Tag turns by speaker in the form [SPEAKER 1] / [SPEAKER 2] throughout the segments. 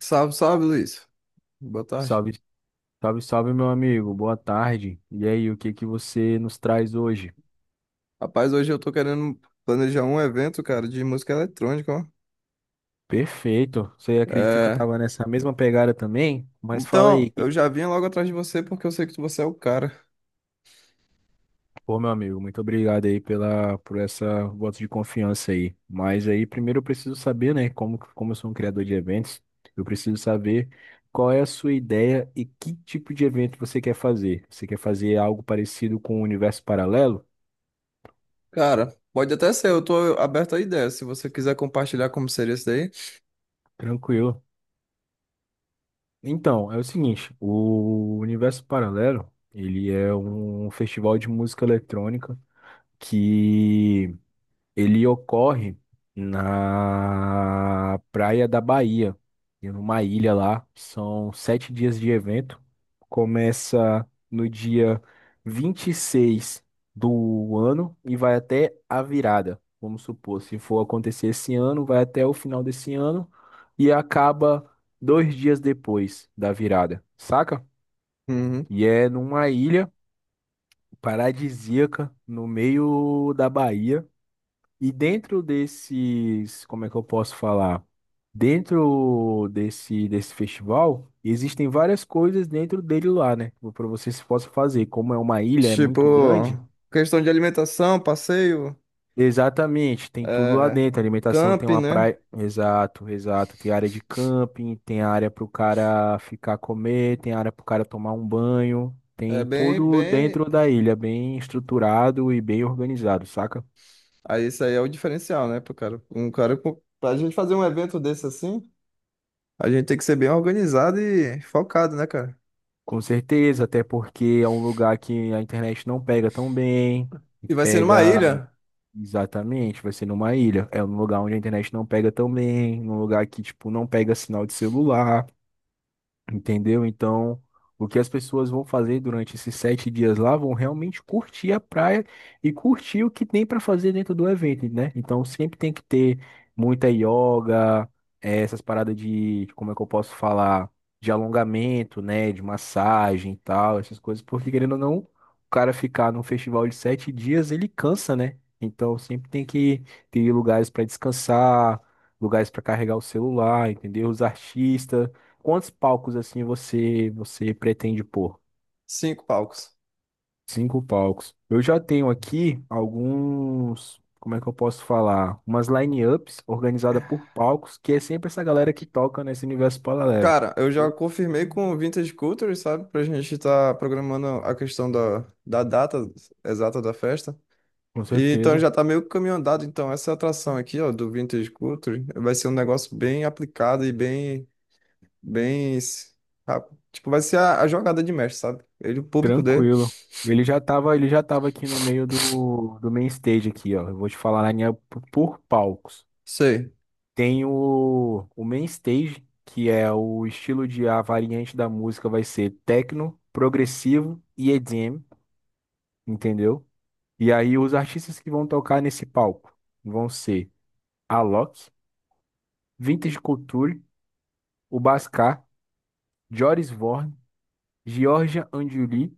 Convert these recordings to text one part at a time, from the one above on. [SPEAKER 1] Salve, salve, Luiz. Boa tarde.
[SPEAKER 2] Salve, salve, salve, meu amigo. Boa tarde. E aí, o que que você nos traz hoje?
[SPEAKER 1] Rapaz, hoje eu tô querendo planejar um evento, cara, de música eletrônica, ó.
[SPEAKER 2] Perfeito. Você acredita que eu
[SPEAKER 1] É...
[SPEAKER 2] tava nessa mesma pegada também? Mas fala
[SPEAKER 1] Então,
[SPEAKER 2] aí.
[SPEAKER 1] eu já vim logo atrás de você porque eu sei que você é o cara.
[SPEAKER 2] Pô, meu amigo, muito obrigado aí por essa voto de confiança aí. Mas aí, primeiro eu preciso saber, né, como eu sou um criador de eventos, eu preciso saber qual é a sua ideia e que tipo de evento você quer fazer. Você quer fazer algo parecido com o Universo Paralelo?
[SPEAKER 1] Cara, pode até ser, eu tô aberto a ideia, se você quiser compartilhar como seria isso daí.
[SPEAKER 2] Tranquilo. Então, é o seguinte, o Universo Paralelo, ele é um festival de música eletrônica que ele ocorre na praia da Bahia, em uma ilha lá. São 7 dias de evento. Começa no dia 26 do ano e vai até a virada. Vamos supor, se for acontecer esse ano, vai até o final desse ano e acaba 2 dias depois da virada, saca?
[SPEAKER 1] Uhum.
[SPEAKER 2] E é numa ilha paradisíaca no meio da Bahia. E dentro desses, como é que eu posso falar? Dentro desse festival, existem várias coisas dentro dele lá, né? Para você se possa fazer. Como é uma ilha, é
[SPEAKER 1] Tipo,
[SPEAKER 2] muito grande.
[SPEAKER 1] questão de alimentação, passeio,
[SPEAKER 2] Exatamente, tem tudo lá
[SPEAKER 1] é...
[SPEAKER 2] dentro. Alimentação tem
[SPEAKER 1] camping,
[SPEAKER 2] uma
[SPEAKER 1] né?
[SPEAKER 2] praia. Exato, exato. Tem área de camping, tem área para o cara ficar comer, tem área para o cara tomar um banho.
[SPEAKER 1] É
[SPEAKER 2] Tem
[SPEAKER 1] bem,
[SPEAKER 2] tudo
[SPEAKER 1] bem...
[SPEAKER 2] dentro da ilha, bem estruturado e bem organizado, saca?
[SPEAKER 1] Aí isso aí é o diferencial, né, pro cara. Pra gente fazer um evento desse assim... A gente tem que ser bem organizado e focado, né, cara?
[SPEAKER 2] Com certeza, até porque é um lugar que a internet não pega tão bem. E
[SPEAKER 1] E vai ser numa
[SPEAKER 2] Pega
[SPEAKER 1] ilha,
[SPEAKER 2] exatamente, vai ser numa ilha. É um lugar onde a internet não pega tão bem, num lugar que, tipo, não pega sinal de celular. Entendeu? Então, o que as pessoas vão fazer durante esses 7 dias lá vão realmente curtir a praia e curtir o que tem para fazer dentro do evento, né? Então, sempre tem que ter muita yoga, essas paradas de, como é que eu posso falar, de alongamento, né? De massagem e tal, essas coisas, porque querendo ou não, o cara ficar num festival de 7 dias, ele cansa, né? Então, sempre tem que ter lugares para descansar, lugares para carregar o celular, entendeu? Os artistas. Quantos palcos assim você pretende pôr?
[SPEAKER 1] cinco palcos.
[SPEAKER 2] Cinco palcos. Eu já tenho aqui alguns, como é que eu posso falar? Umas line-ups organizadas por palcos, que é sempre essa galera que toca nesse universo paralelo.
[SPEAKER 1] Cara, eu já
[SPEAKER 2] Entendeu?
[SPEAKER 1] confirmei com o Vintage Culture, sabe? Pra gente estar programando a questão da data exata da festa.
[SPEAKER 2] Com
[SPEAKER 1] E então
[SPEAKER 2] certeza.
[SPEAKER 1] já tá meio que caminho andado. Então, essa atração aqui, ó, do Vintage Culture, vai ser um negócio bem aplicado e bem, s- rápido. Tipo, vai ser a jogada de mestre, sabe? Ele, o público dele.
[SPEAKER 2] Tranquilo. Ele já tava aqui no meio do main stage aqui, ó. Eu vou te falar a linha up por palcos.
[SPEAKER 1] Sei.
[SPEAKER 2] Tem o main stage, que é o estilo de a variante da música vai ser techno, progressivo e EDM. Entendeu? E aí os artistas que vão tocar nesse palco vão ser Alok, Vintage Culture, o Bascar, Joris Vorn, Georgia Anjuli,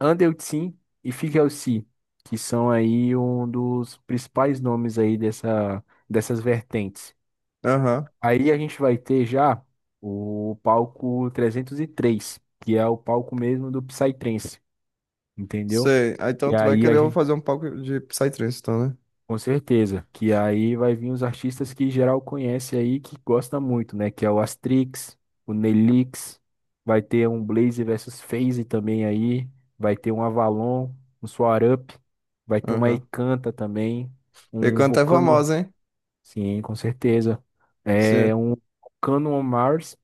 [SPEAKER 2] Andel Tsin e Figel Si, que são aí um dos principais nomes aí dessa, dessas vertentes.
[SPEAKER 1] Aham.
[SPEAKER 2] Aí a gente vai ter já o palco 303, que é o palco mesmo do Psytrance, entendeu?
[SPEAKER 1] Sei. Ah,
[SPEAKER 2] E
[SPEAKER 1] então, tu vai
[SPEAKER 2] aí a
[SPEAKER 1] querer eu
[SPEAKER 2] gente
[SPEAKER 1] fazer um palco de Psytrance, então, né?
[SPEAKER 2] Com certeza, que aí vai vir os artistas que geral conhece aí, que gosta muito, né? Que é o Astrix, o Nelix, vai ter um Blaze versus FaZe também aí, vai ter um Avalon, um Swarup, vai ter uma
[SPEAKER 1] Aham.
[SPEAKER 2] Ecanta também,
[SPEAKER 1] E
[SPEAKER 2] um
[SPEAKER 1] canta é
[SPEAKER 2] Vulcano,
[SPEAKER 1] famosa, hein?
[SPEAKER 2] sim, com certeza. É
[SPEAKER 1] Sim.
[SPEAKER 2] um Vulcano on Mars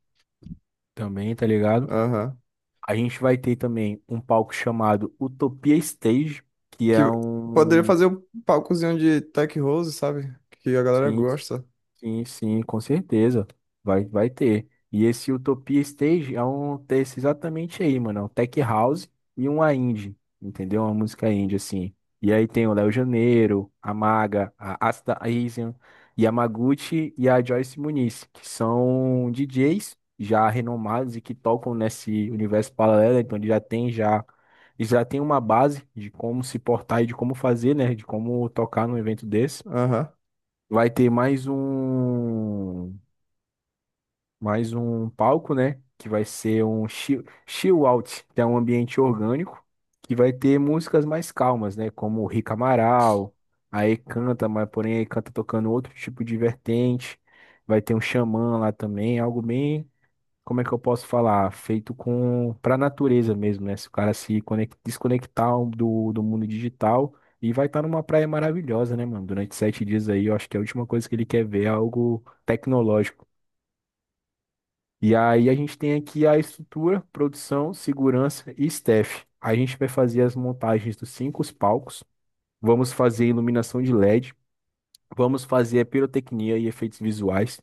[SPEAKER 2] também, tá ligado?
[SPEAKER 1] Aham.
[SPEAKER 2] A gente vai ter também um palco chamado Utopia Stage. Que
[SPEAKER 1] Que
[SPEAKER 2] é
[SPEAKER 1] poderia
[SPEAKER 2] um
[SPEAKER 1] fazer o palcozinho de Tech Rose, sabe? Que a galera
[SPEAKER 2] Sim,
[SPEAKER 1] gosta.
[SPEAKER 2] sim, sim, com certeza. Vai ter. E esse Utopia Stage é um desse exatamente aí, mano. É um Tech House e uma indie, entendeu? Uma música indie, assim. E aí tem o Léo Janeiro, a Maga, a Asta Asian, Yamaguchi e a Joyce Muniz, que são DJs já renomados e que tocam nesse universo paralelo, então eles já têm uma base de como se portar e de como fazer, né? De como tocar num evento desse.
[SPEAKER 1] Aham.
[SPEAKER 2] Vai ter mais um palco, né? Que vai ser um chill out, que é um ambiente orgânico, que vai ter músicas mais calmas, né? Como o Rick Amaral, aí canta, mas porém aí canta tocando outro tipo de vertente. Vai ter um xamã lá também, algo bem como é que eu posso falar? Feito com para a natureza mesmo, né? Se o cara se conec- desconectar do mundo digital e vai estar numa praia maravilhosa, né, mano? Durante 7 dias aí, eu acho que é a última coisa que ele quer ver é algo tecnológico. E aí a gente tem aqui a estrutura, produção, segurança e staff. A gente vai fazer as montagens dos cinco palcos, vamos fazer iluminação de LED, vamos fazer a pirotecnia e efeitos visuais.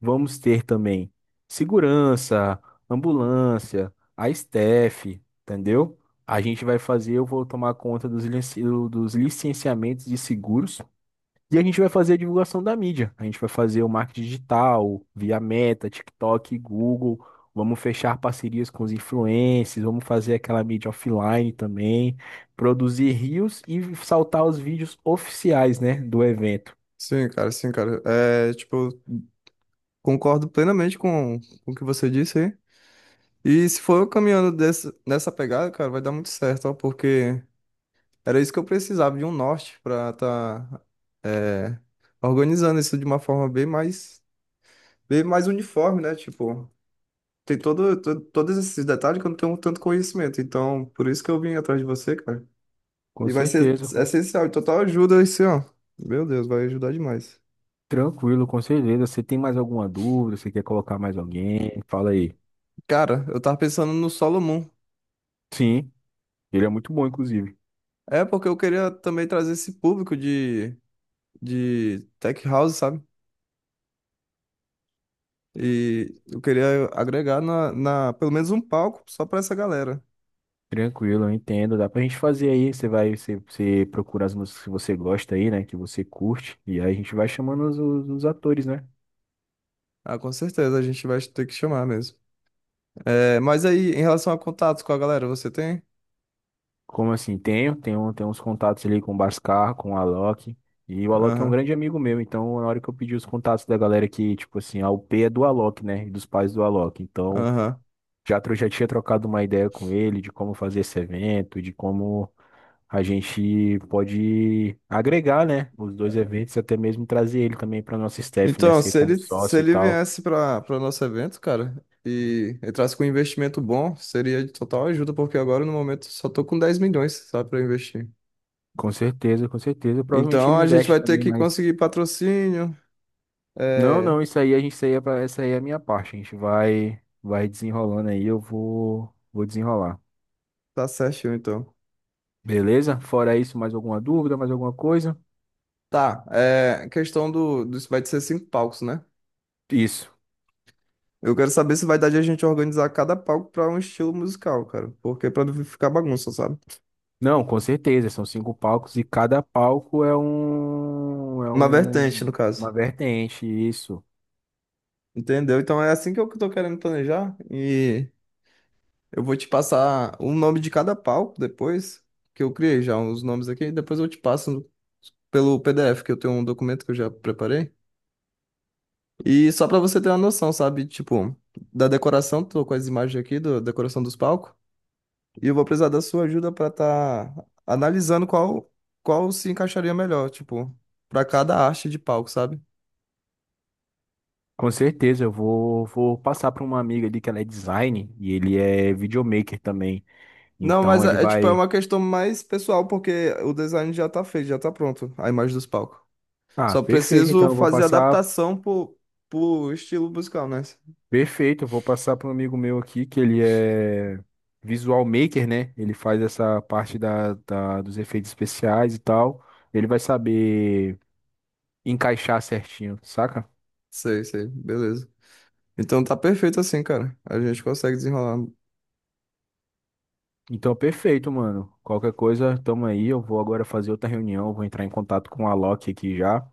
[SPEAKER 2] Vamos ter também segurança, ambulância, a staff, entendeu? A gente vai fazer, eu vou tomar conta dos licenciamentos de seguros e a gente vai fazer a divulgação da mídia. A gente vai fazer o marketing digital, via Meta, TikTok, Google. Vamos fechar parcerias com os influencers, vamos fazer aquela mídia offline também, produzir rios e saltar os vídeos oficiais, né, do evento.
[SPEAKER 1] Sim, cara, sim, cara. É, tipo, concordo plenamente com o que você disse aí. E se for eu caminhando desse, nessa pegada, cara, vai dar muito certo, ó, porque era isso que eu precisava de um norte pra tá é, organizando isso de uma forma bem mais uniforme, né? Tipo. Todos esses detalhes que eu não tenho tanto conhecimento. Então, por isso que eu vim atrás de você, cara.
[SPEAKER 2] Com
[SPEAKER 1] E vai ser
[SPEAKER 2] certeza.
[SPEAKER 1] essencial, total ajuda esse, ó. Meu Deus, vai ajudar demais.
[SPEAKER 2] Tranquilo, com certeza. Você tem mais alguma dúvida? Você quer colocar mais alguém? Fala aí.
[SPEAKER 1] Cara, eu tava pensando no Solo Moon.
[SPEAKER 2] Sim, ele é muito bom, inclusive.
[SPEAKER 1] É porque eu queria também trazer esse público de tech house, sabe? E eu queria agregar pelo menos um palco só pra essa galera.
[SPEAKER 2] Tranquilo, eu entendo. Dá pra gente fazer aí. Você procura as músicas que você gosta aí, né? Que você curte. E aí a gente vai chamando os atores, né?
[SPEAKER 1] Ah, com certeza, a gente vai ter que chamar mesmo. É, mas aí, em relação a contatos com a galera, você tem?
[SPEAKER 2] Como assim? Tenho uns contatos ali com o Bascar, com o Alok. E o Alok é um
[SPEAKER 1] Aham,
[SPEAKER 2] grande amigo meu. Então, na hora que eu pedi os contatos da galera que, tipo assim, a UP é do Alok, né? E dos pais do Alok. Então.
[SPEAKER 1] aham.
[SPEAKER 2] Já eu já tinha trocado uma ideia com ele de como fazer esse evento, de como a gente pode agregar, né, os dois eventos, e até mesmo trazer ele também para nosso staff, né,
[SPEAKER 1] Então,
[SPEAKER 2] ser
[SPEAKER 1] se
[SPEAKER 2] como
[SPEAKER 1] ele, se
[SPEAKER 2] sócio e
[SPEAKER 1] ele
[SPEAKER 2] tal.
[SPEAKER 1] viesse para nosso evento, cara, e entrasse com um investimento bom, seria de total ajuda, porque agora no momento só tô com 10 milhões, sabe, para investir.
[SPEAKER 2] Com certeza, com certeza. Provavelmente
[SPEAKER 1] Então
[SPEAKER 2] ele
[SPEAKER 1] a gente
[SPEAKER 2] investe
[SPEAKER 1] vai ter
[SPEAKER 2] também,
[SPEAKER 1] que
[SPEAKER 2] mas
[SPEAKER 1] conseguir patrocínio.
[SPEAKER 2] não,
[SPEAKER 1] É,
[SPEAKER 2] não, isso aí a gente isso aí é pra- essa aí é a minha parte. A gente vai desenrolando aí, eu vou desenrolar.
[SPEAKER 1] tá certinho, então.
[SPEAKER 2] Beleza? Fora isso, mais alguma dúvida, mais alguma coisa?
[SPEAKER 1] Questão do, do. Vai ser cinco palcos, né?
[SPEAKER 2] Isso.
[SPEAKER 1] Eu quero saber se vai dar de a gente organizar cada palco para um estilo musical, cara. Porque pra não ficar bagunça, sabe?
[SPEAKER 2] Não, com certeza, são cinco palcos e cada palco é um, é
[SPEAKER 1] Uma vertente,
[SPEAKER 2] um,
[SPEAKER 1] no
[SPEAKER 2] uma
[SPEAKER 1] caso.
[SPEAKER 2] vertente, isso.
[SPEAKER 1] Entendeu? Então é assim que eu tô querendo planejar. E. Eu vou te passar o nome de cada palco depois, que eu criei já os nomes aqui, depois eu te passo pelo PDF, que eu tenho um documento que eu já preparei. E só pra você ter uma noção, sabe? Tipo, da decoração, tô com as imagens aqui da decoração dos palcos, e eu vou precisar da sua ajuda pra tá analisando qual se encaixaria melhor, tipo, pra cada arte de palco, sabe?
[SPEAKER 2] Com certeza, eu vou passar para uma amiga ali que ela é design e ele é videomaker também.
[SPEAKER 1] Não,
[SPEAKER 2] Então ele
[SPEAKER 1] tipo, é
[SPEAKER 2] vai.
[SPEAKER 1] uma questão mais pessoal, porque o design já tá feito, já tá pronto, a imagem dos palcos.
[SPEAKER 2] Ah,
[SPEAKER 1] Só
[SPEAKER 2] perfeito,
[SPEAKER 1] preciso
[SPEAKER 2] então eu vou
[SPEAKER 1] fazer
[SPEAKER 2] passar.
[SPEAKER 1] adaptação pro estilo musical, né?
[SPEAKER 2] Perfeito, eu vou passar para um amigo meu aqui que ele é visual maker, né? Ele faz essa parte dos efeitos especiais e tal. Ele vai saber encaixar certinho, saca?
[SPEAKER 1] Sei, sei, beleza. Então tá perfeito assim, cara. A gente consegue desenrolar.
[SPEAKER 2] Então, perfeito, mano. Qualquer coisa, tamo aí. Eu vou agora fazer outra reunião, vou entrar em contato com a Loki aqui já.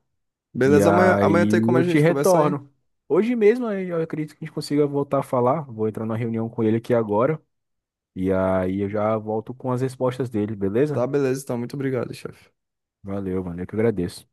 [SPEAKER 2] E
[SPEAKER 1] Beleza, amanhã tem
[SPEAKER 2] aí
[SPEAKER 1] como a
[SPEAKER 2] eu te
[SPEAKER 1] gente conversar aí?
[SPEAKER 2] retorno. Hoje mesmo, aí, eu acredito que a gente consiga voltar a falar. Vou entrar numa reunião com ele aqui agora. E aí eu já volto com as respostas dele,
[SPEAKER 1] Tá,
[SPEAKER 2] beleza?
[SPEAKER 1] beleza, então. Muito obrigado, chefe.
[SPEAKER 2] Valeu, mano. Eu que agradeço.